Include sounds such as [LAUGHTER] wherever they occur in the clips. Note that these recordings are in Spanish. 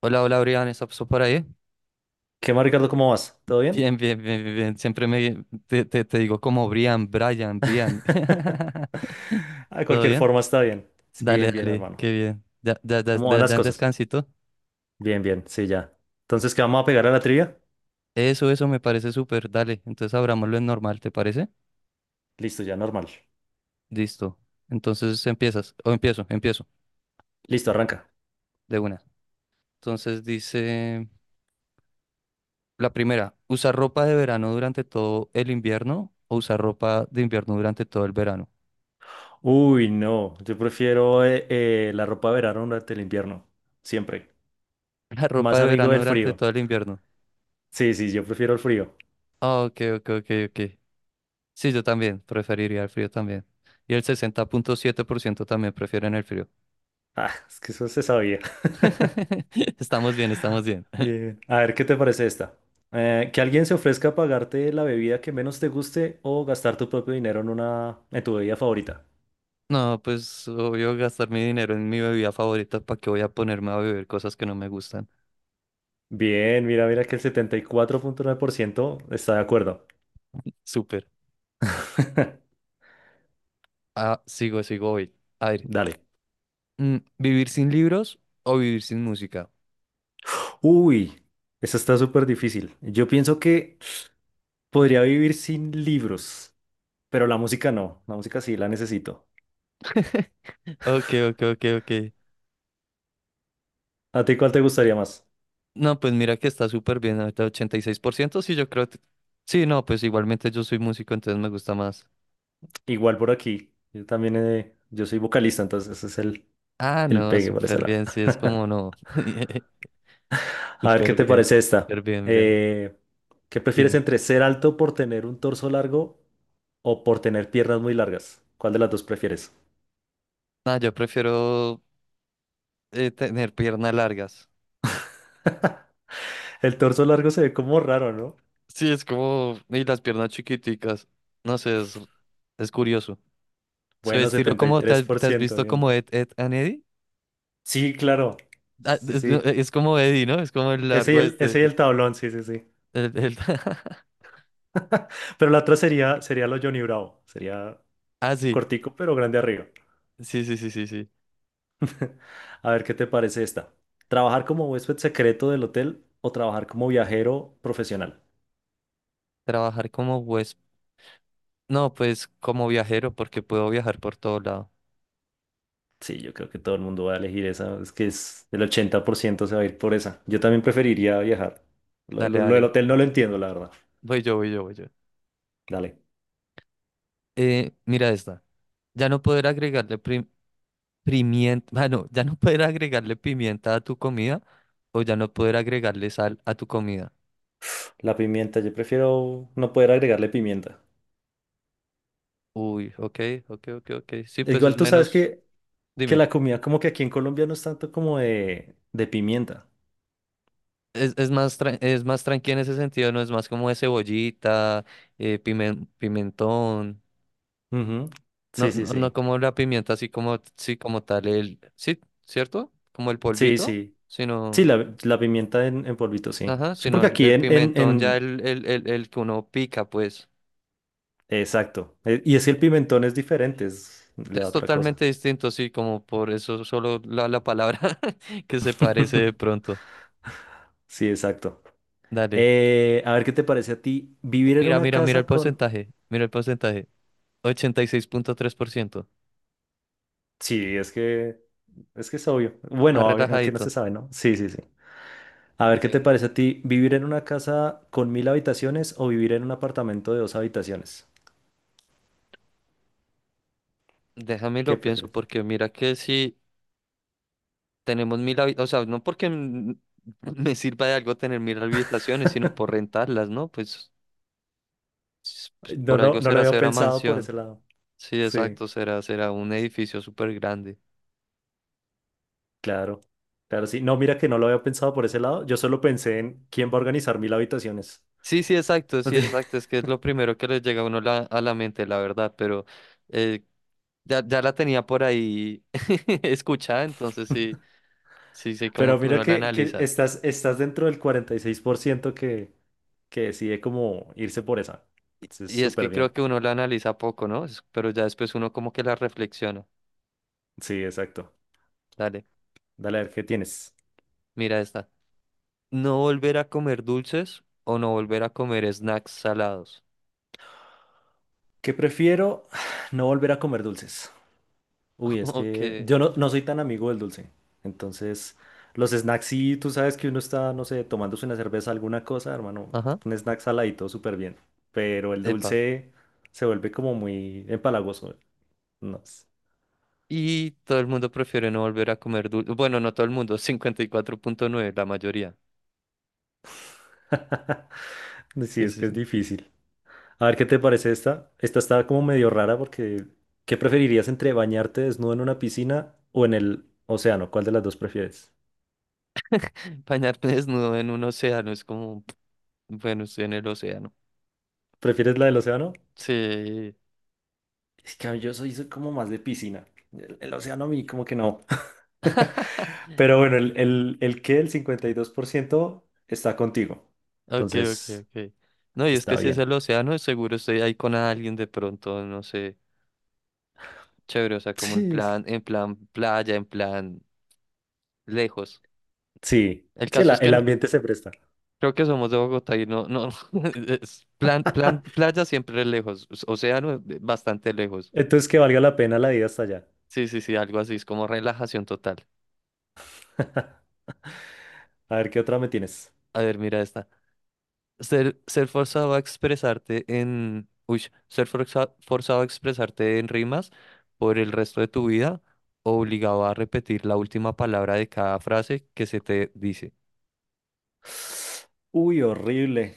Hola, hola, Brian, ¿estás por ahí? ¿Qué más, Ricardo? ¿Cómo vas? [LAUGHS] ¿Todo bien? Bien, bien, bien, bien, bien. Siempre te digo como Brian, Brian, Brian. [LAUGHS] [LAUGHS] De ¿Todo cualquier bien? forma, está bien. Bien, Dale, bien, dale, hermano. qué bien. Ya, ya, ya, ¿Cómo van ya, las ya en cosas? descansito. Bien, bien, sí, ya. Entonces, ¿qué vamos a pegar a la trivia? Eso me parece súper. Dale, entonces abrámoslo en normal, ¿te parece? Listo, ya, normal. Listo. Entonces empiezas, o empiezo, Listo, arranca. de una. Entonces dice la primera, ¿usar ropa de verano durante todo el invierno o usar ropa de invierno durante todo el verano? Uy, no, yo prefiero la ropa de verano durante el invierno, siempre. [LAUGHS] La ropa Más de amigo verano del durante frío. todo el invierno. Sí, sí, yo prefiero el frío. Ah, ok, ok, ok, ok. Sí, yo también preferiría el frío también. Y el 60.7% también prefieren el frío. Ah, es que eso se sabía. [LAUGHS] [LAUGHS] Estamos bien, estamos bien. Bien. A ver, ¿qué te parece esta? Que alguien se ofrezca a pagarte la bebida que menos te guste o gastar tu propio dinero en en tu bebida favorita. No, pues obvio gastar mi dinero en mi bebida favorita, ¿para qué voy a ponerme a beber cosas que no me gustan? Bien, mira, mira que el 74,9% está de acuerdo. Súper. [LAUGHS] Ah, sigo hoy. A ver, Dale. ¿Vivir sin libros o vivir sin música? Uy, esa está súper difícil. Yo pienso que podría vivir sin libros, pero la música no. La música sí la necesito. [LAUGHS] Ok, ok, ok, ok. ¿A ti cuál te gustaría más? No, pues mira que está súper bien, ahorita 86%. Sí, yo creo. Que- Sí, no, pues igualmente yo soy músico, entonces me gusta más. Igual por aquí. Yo también, yo soy vocalista, entonces ese es Ah, el no, pegue por ese súper lado. bien, sí, es como [LAUGHS] no. [LAUGHS] A ver qué Súper te bien, parece esta. súper bien, Brian. ¿Qué prefieres Dime. entre ser alto por tener un torso largo o por tener piernas muy largas? ¿Cuál de las dos prefieres? No, yo prefiero tener piernas largas. [LAUGHS] El torso largo se ve como raro, ¿no? Sí, es como. Y las piernas chiquiticas. No sé, es curioso. Se ve Bueno, estilo setenta y como. ¿Te tres has, por te has ciento visto bien. como Ed, Ed and Eddie? Sí, claro. Ah, Sí, no, sí. Es como Eddie, ¿no? Es como el Ese y largo el, este. ese y el tablón, sí, sí, sí. el- el- [LAUGHS] Pero la otra sería, sería lo Johnny Bravo. Sería Ah, sí. cortico, pero grande arriba. Sí, sí, sí, sí, sí. A ver qué te parece esta. ¿Trabajar como huésped secreto del hotel o trabajar como viajero profesional? Trabajar como huésped. No, pues como viajero, porque puedo viajar por todo lado. Sí, yo creo que todo el mundo va a elegir esa. Es que es el 80% se va a ir por esa. Yo también preferiría viajar. Lo, Dale, lo- lo del dale. hotel no lo entiendo, la verdad. Voy yo, voy yo, voy yo. Dale. Mira esta. Ya no poder agregarle pimienta, [LAUGHS] bueno, ya no poder agregarle pimienta a tu comida o ya no poder agregarle sal a tu comida. La pimienta, yo prefiero no poder agregarle pimienta. Uy, ok, ok, ok, ok. Sí, pues es Igual tú sabes menos, que dime, la comida como que aquí en Colombia no es tanto como de pimienta. es más, es más tranquila en ese sentido, no es más como de cebollita, pimentón, Ujú. no, Sí, sí, no, no sí. como la pimienta así como, sí, como tal, el, sí, ¿cierto? Como el Sí, polvito, sí. Sí, sino, la pimienta en polvito, sí. ajá, Sí, sino porque aquí el pimentón ya el que uno pica, pues. exacto. Y es que el pimentón es diferente, le da Es otra cosa. totalmente distinto, sí, como por eso solo la palabra [LAUGHS] que se parece de [LAUGHS] pronto. Sí, exacto. Dale. A ver qué te parece a ti vivir en Mira, una mira, mira casa el con... porcentaje. Mira el porcentaje. 86.3%. Sí, es que es obvio. Bueno, Más aunque no se relajadito. sabe, ¿no? Sí, sí, sí. A ver qué te Dime. parece a ti vivir en una casa con 1.000 habitaciones o vivir en un apartamento de dos habitaciones. Déjame ¿Qué lo pienso prefieres? porque mira que si tenemos mil habitaciones, o sea, no porque [LAUGHS] me sirva de algo tener mil habitaciones, sino por [LAUGHS] rentarlas, ¿no? Pues, pues, No, por no, algo no lo será, había será pensado por mansión. ese lado. Sí, Sí, exacto, será un edificio súper grande. claro. Claro, sí. No, mira que no lo había pensado por ese lado. Yo solo pensé en quién va a organizar 1.000 habitaciones. Sí, sí, exacto, sí, exacto. [LAUGHS] Es que es lo primero que les llega a uno a la mente, la verdad, pero eh, ya la tenía por ahí [LAUGHS] escuchada, entonces sí, sí, sí, como Pero que mira uno la que analiza. estás, estás dentro del 46% que decide como irse por esa. Entonces, Y es súper que bien. creo que uno la analiza poco, ¿no? Pero ya después uno como que la reflexiona. Sí, exacto. Dale, Dale a ver qué tienes. mira esta. No volver a comer dulces o no volver a comer snacks salados. ¿Qué prefiero? [SIGHS] No volver a comer dulces. Uy, es [LAUGHS] que Ok, yo no, no soy tan amigo del dulce. Entonces, los snacks, sí, tú sabes que uno está, no sé, tomándose una cerveza, alguna cosa, hermano. ajá, Un snack saladito, súper bien. Pero el epa. dulce se vuelve como muy empalagoso. No sé. Y todo el mundo prefiere no volver a comer dulces. Bueno, no todo el mundo, 54.9, la mayoría. [LAUGHS] Sí, Sí, es sí, que es sí. difícil. A ver, ¿qué te parece esta? Esta está como medio rara porque ¿qué preferirías entre bañarte desnudo en una piscina o en el océano? ¿Cuál de las dos prefieres? [LAUGHS] Bañarte desnudo en un océano es como, bueno, estoy en el océano. ¿Prefieres la del océano? Sí. Es que yo soy, soy como más de piscina. El océano a mí como que no. [LAUGHS] [LAUGHS] Pero bueno, el que el 52% está contigo. Ok, ok, Entonces, ok. No, y es que está si es bien. el océano, seguro estoy ahí con alguien de pronto, no sé. Chévere, o sea, como Sí, en plan playa, en plan lejos. sí, El sí, caso es que el ambiente se presta. creo que somos de Bogotá y no, no, [LAUGHS] es plan, plan, playa siempre lejos, océano bastante lejos. Entonces, que valga la pena la ida hasta allá. Sí, sí, sí, algo así, es como relajación total. [LAUGHS] A ver, ¿qué otra me tienes? A ver, mira esta. Ser forzado a expresarte en... Uy, ser forzado a expresarte en rimas por el resto de tu vida, obligado a repetir la última palabra de cada frase que se te dice. Uy, horrible.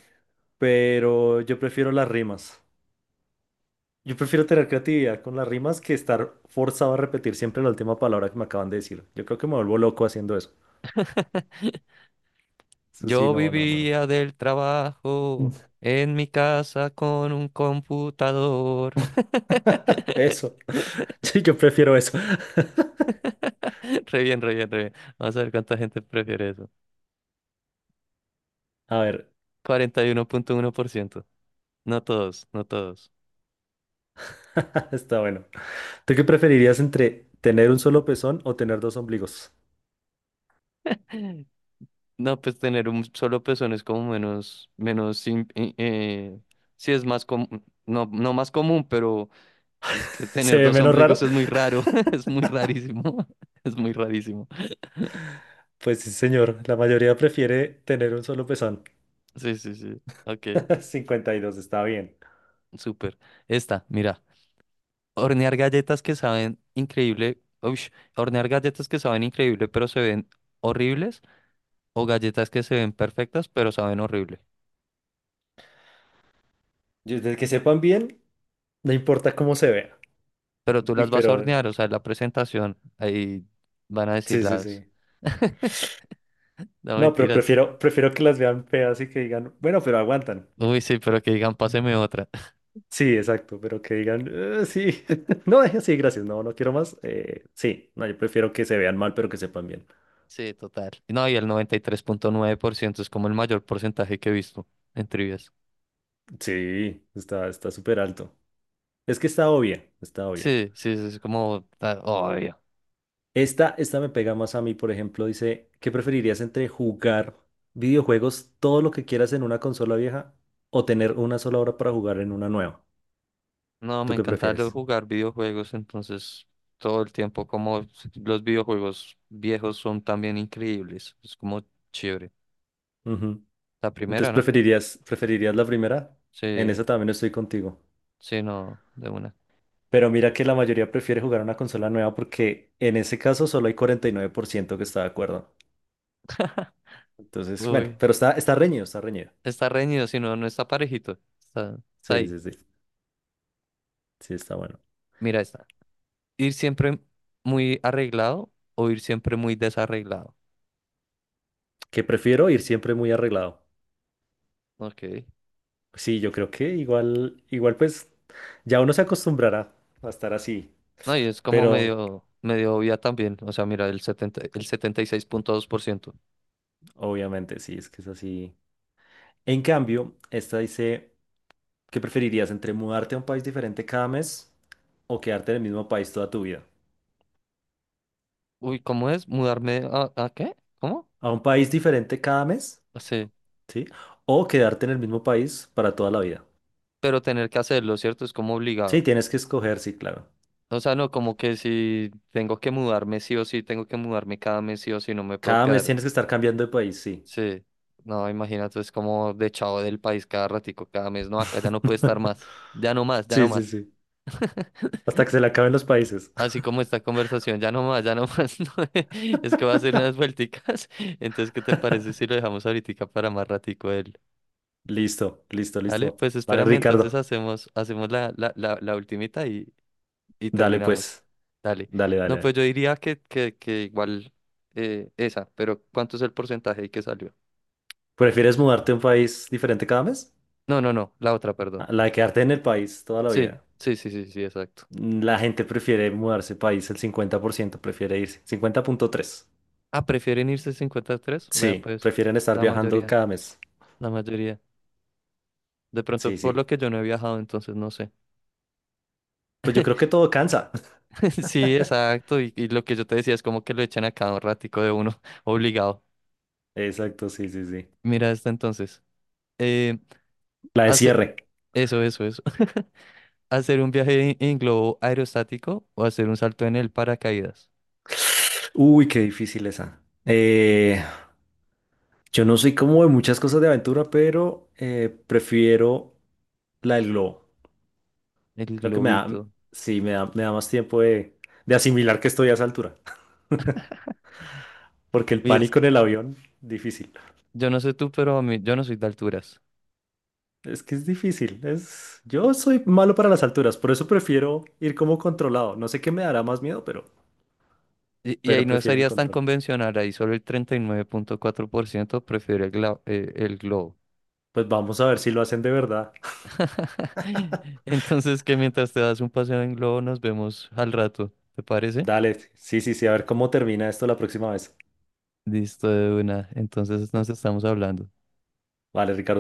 Pero yo prefiero las rimas. Yo prefiero tener creatividad con las rimas que estar forzado a repetir siempre la última palabra que me acaban de decir. Yo creo que me vuelvo loco haciendo eso. Eso sí, Yo no, no, no. vivía del trabajo en mi casa con un computador. [LAUGHS] [LAUGHS] Eso. [LAUGHS] Sí, yo prefiero eso. [LAUGHS] Re bien, re bien, re bien. Vamos a ver cuánta gente prefiere eso. A ver, Cuarenta y uno punto uno por ciento. No todos, no todos. [LAUGHS] está bueno. ¿Tú qué preferirías entre tener un solo pezón o tener dos ombligos? [LAUGHS] No, pues tener un solo pezón es como menos, menos, sí es más común, no, no más común, pero es que [LAUGHS] ¿Se tener ve dos menos ombligos raro? es muy raro, [LAUGHS] es [LAUGHS] muy rarísimo, [LAUGHS] es muy rarísimo. Pues sí, señor. La mayoría prefiere tener un solo pezón. Sí, sí, sí, ok, [LAUGHS] 52 está bien. súper. Esta, mira, hornear galletas que saben increíble, uy, hornear galletas que saben increíble pero se ven horribles o galletas que se ven perfectas pero saben horrible. Yo- desde que sepan bien, no importa cómo se vea. Pero tú Uy, las vas a pero hornear, o sea, en la presentación, ahí van a decir sí, sí, las, sí. no No, pero mentiras. prefiero, prefiero que las vean feas y que digan, bueno, pero aguantan. Uy, sí, pero que digan, páseme otra. [LAUGHS] Sí, exacto, pero que digan, sí, [LAUGHS] no, sí, gracias, no, no quiero más." Sí, no, yo prefiero que se vean mal, pero que sepan bien. Sí, total. No, y el 93.9% es como el mayor porcentaje que he visto en trivias. Sí, está, está súper alto. Es que está obvia, está obvia. Sí, sí, sí, es como ah, obvio. Esta me pega más a mí, por ejemplo, dice, ¿qué preferirías entre jugar videojuegos todo lo que quieras en una consola vieja o tener una sola hora para jugar en una nueva? No, me ¿Tú qué encanta prefieres? jugar videojuegos, entonces todo el tiempo como los videojuegos viejos son también increíbles. Es como chévere. Ujú. La primera, Entonces, ¿no? ¿preferirías, preferirías la primera? En esa Sí, también estoy contigo. sí, no, de una. Pero mira que la mayoría prefiere jugar a una consola nueva porque en ese caso solo hay 49% que está de acuerdo. Entonces, bueno, Uy, pero está, está reñido, está reñido. está reñido, si no, no está parejito. Está Sí, ahí. sí, sí. Sí, está bueno. Mira esta. Ir siempre muy arreglado o ir siempre muy desarreglado. Que prefiero ir siempre muy arreglado. Ok. Sí, yo creo que igual, igual pues ya uno se acostumbrará a estar así. No, y es como Pero medio, medio obvia también. O sea, mira, el 76.2%. obviamente sí, es que es así. En cambio, esta dice. ¿Qué preferirías entre mudarte a un país diferente cada mes o quedarte en el mismo país toda tu vida? Uy, ¿cómo es? ¿Mudarme a qué? ¿Cómo? ¿A un país diferente cada mes? Ah, sí. ¿Sí? ¿O quedarte en el mismo país para toda la vida? Pero tener que hacerlo, ¿cierto? Es como Sí, obligado. tienes que escoger, sí, claro. O sea, no, como que si tengo que mudarme sí o sí, tengo que mudarme cada mes sí o sí, no me puedo Cada mes quedar. tienes que estar cambiando de país, sí. Sí. No, imagínate, es como de chavo del país cada ratico, cada mes. No, acá ya no puede estar [LAUGHS] más. Ya no más, ya Sí, no sí, más. sí. Hasta que se le acaben los países. Así como esta conversación, ya no más, [LAUGHS] no, es que va a hacer unas vuelticas. [LAUGHS] Entonces, ¿qué te parece si [LAUGHS] lo dejamos ahorita para más ratico él? Listo, listo, ¿Vale? listo. Pues Vale, espérame, entonces Ricardo. hacemos la ultimita y Dale, terminamos. pues. Dale. Dale, dale, No, pues dale. yo diría que igual esa, pero ¿cuánto es el porcentaje y qué salió? ¿Prefieres mudarte a un país diferente cada mes? No, no, no, la otra, perdón. Ah, la de quedarte en el país toda la Sí, vida. sí, sí, sí, sí, exacto. La gente prefiere mudarse de país, el 50% prefiere irse. 50,3. Ah, ¿prefieren irse 53? Vea, Sí, pues, prefieren estar la viajando mayoría, cada mes. la mayoría. De pronto, Sí, por lo sí. que yo no he viajado, entonces no sé. Pues yo creo que todo cansa. [LAUGHS] Sí, exacto. Y lo que yo te decía es como que lo echan a cada ratico de uno, [LAUGHS] obligado. [LAUGHS] Exacto, sí, sí, sí. Mira esta entonces. Eh, La de Hace... cierre. Eso, eso, eso. [LAUGHS] ¿Hacer un viaje en globo aerostático o hacer un salto en el paracaídas? Uy, qué difícil esa. Yo no soy como de muchas cosas de aventura, pero prefiero la del globo. El Creo que me da, globito. sí, me da más tiempo de asimilar que estoy a esa altura. [LAUGHS] Porque el Uy, es pánico en que el avión, difícil. yo no sé tú, pero a mí, yo no soy de alturas. Es que es difícil, es... Yo soy malo para las alturas, por eso prefiero ir como controlado. No sé qué me dará más miedo, Y ahí pero no prefiero el serías tan control. convencional, ahí solo el 39.4% prefiere el globo. Pues vamos a ver si lo hacen de verdad. [LAUGHS] Entonces, que mientras te das un paseo en globo, nos vemos al rato, ¿te parece? Dale, sí, sí, sí, a ver cómo termina esto la próxima vez. Listo de una. Entonces nos estamos hablando. Vale, Ricardo.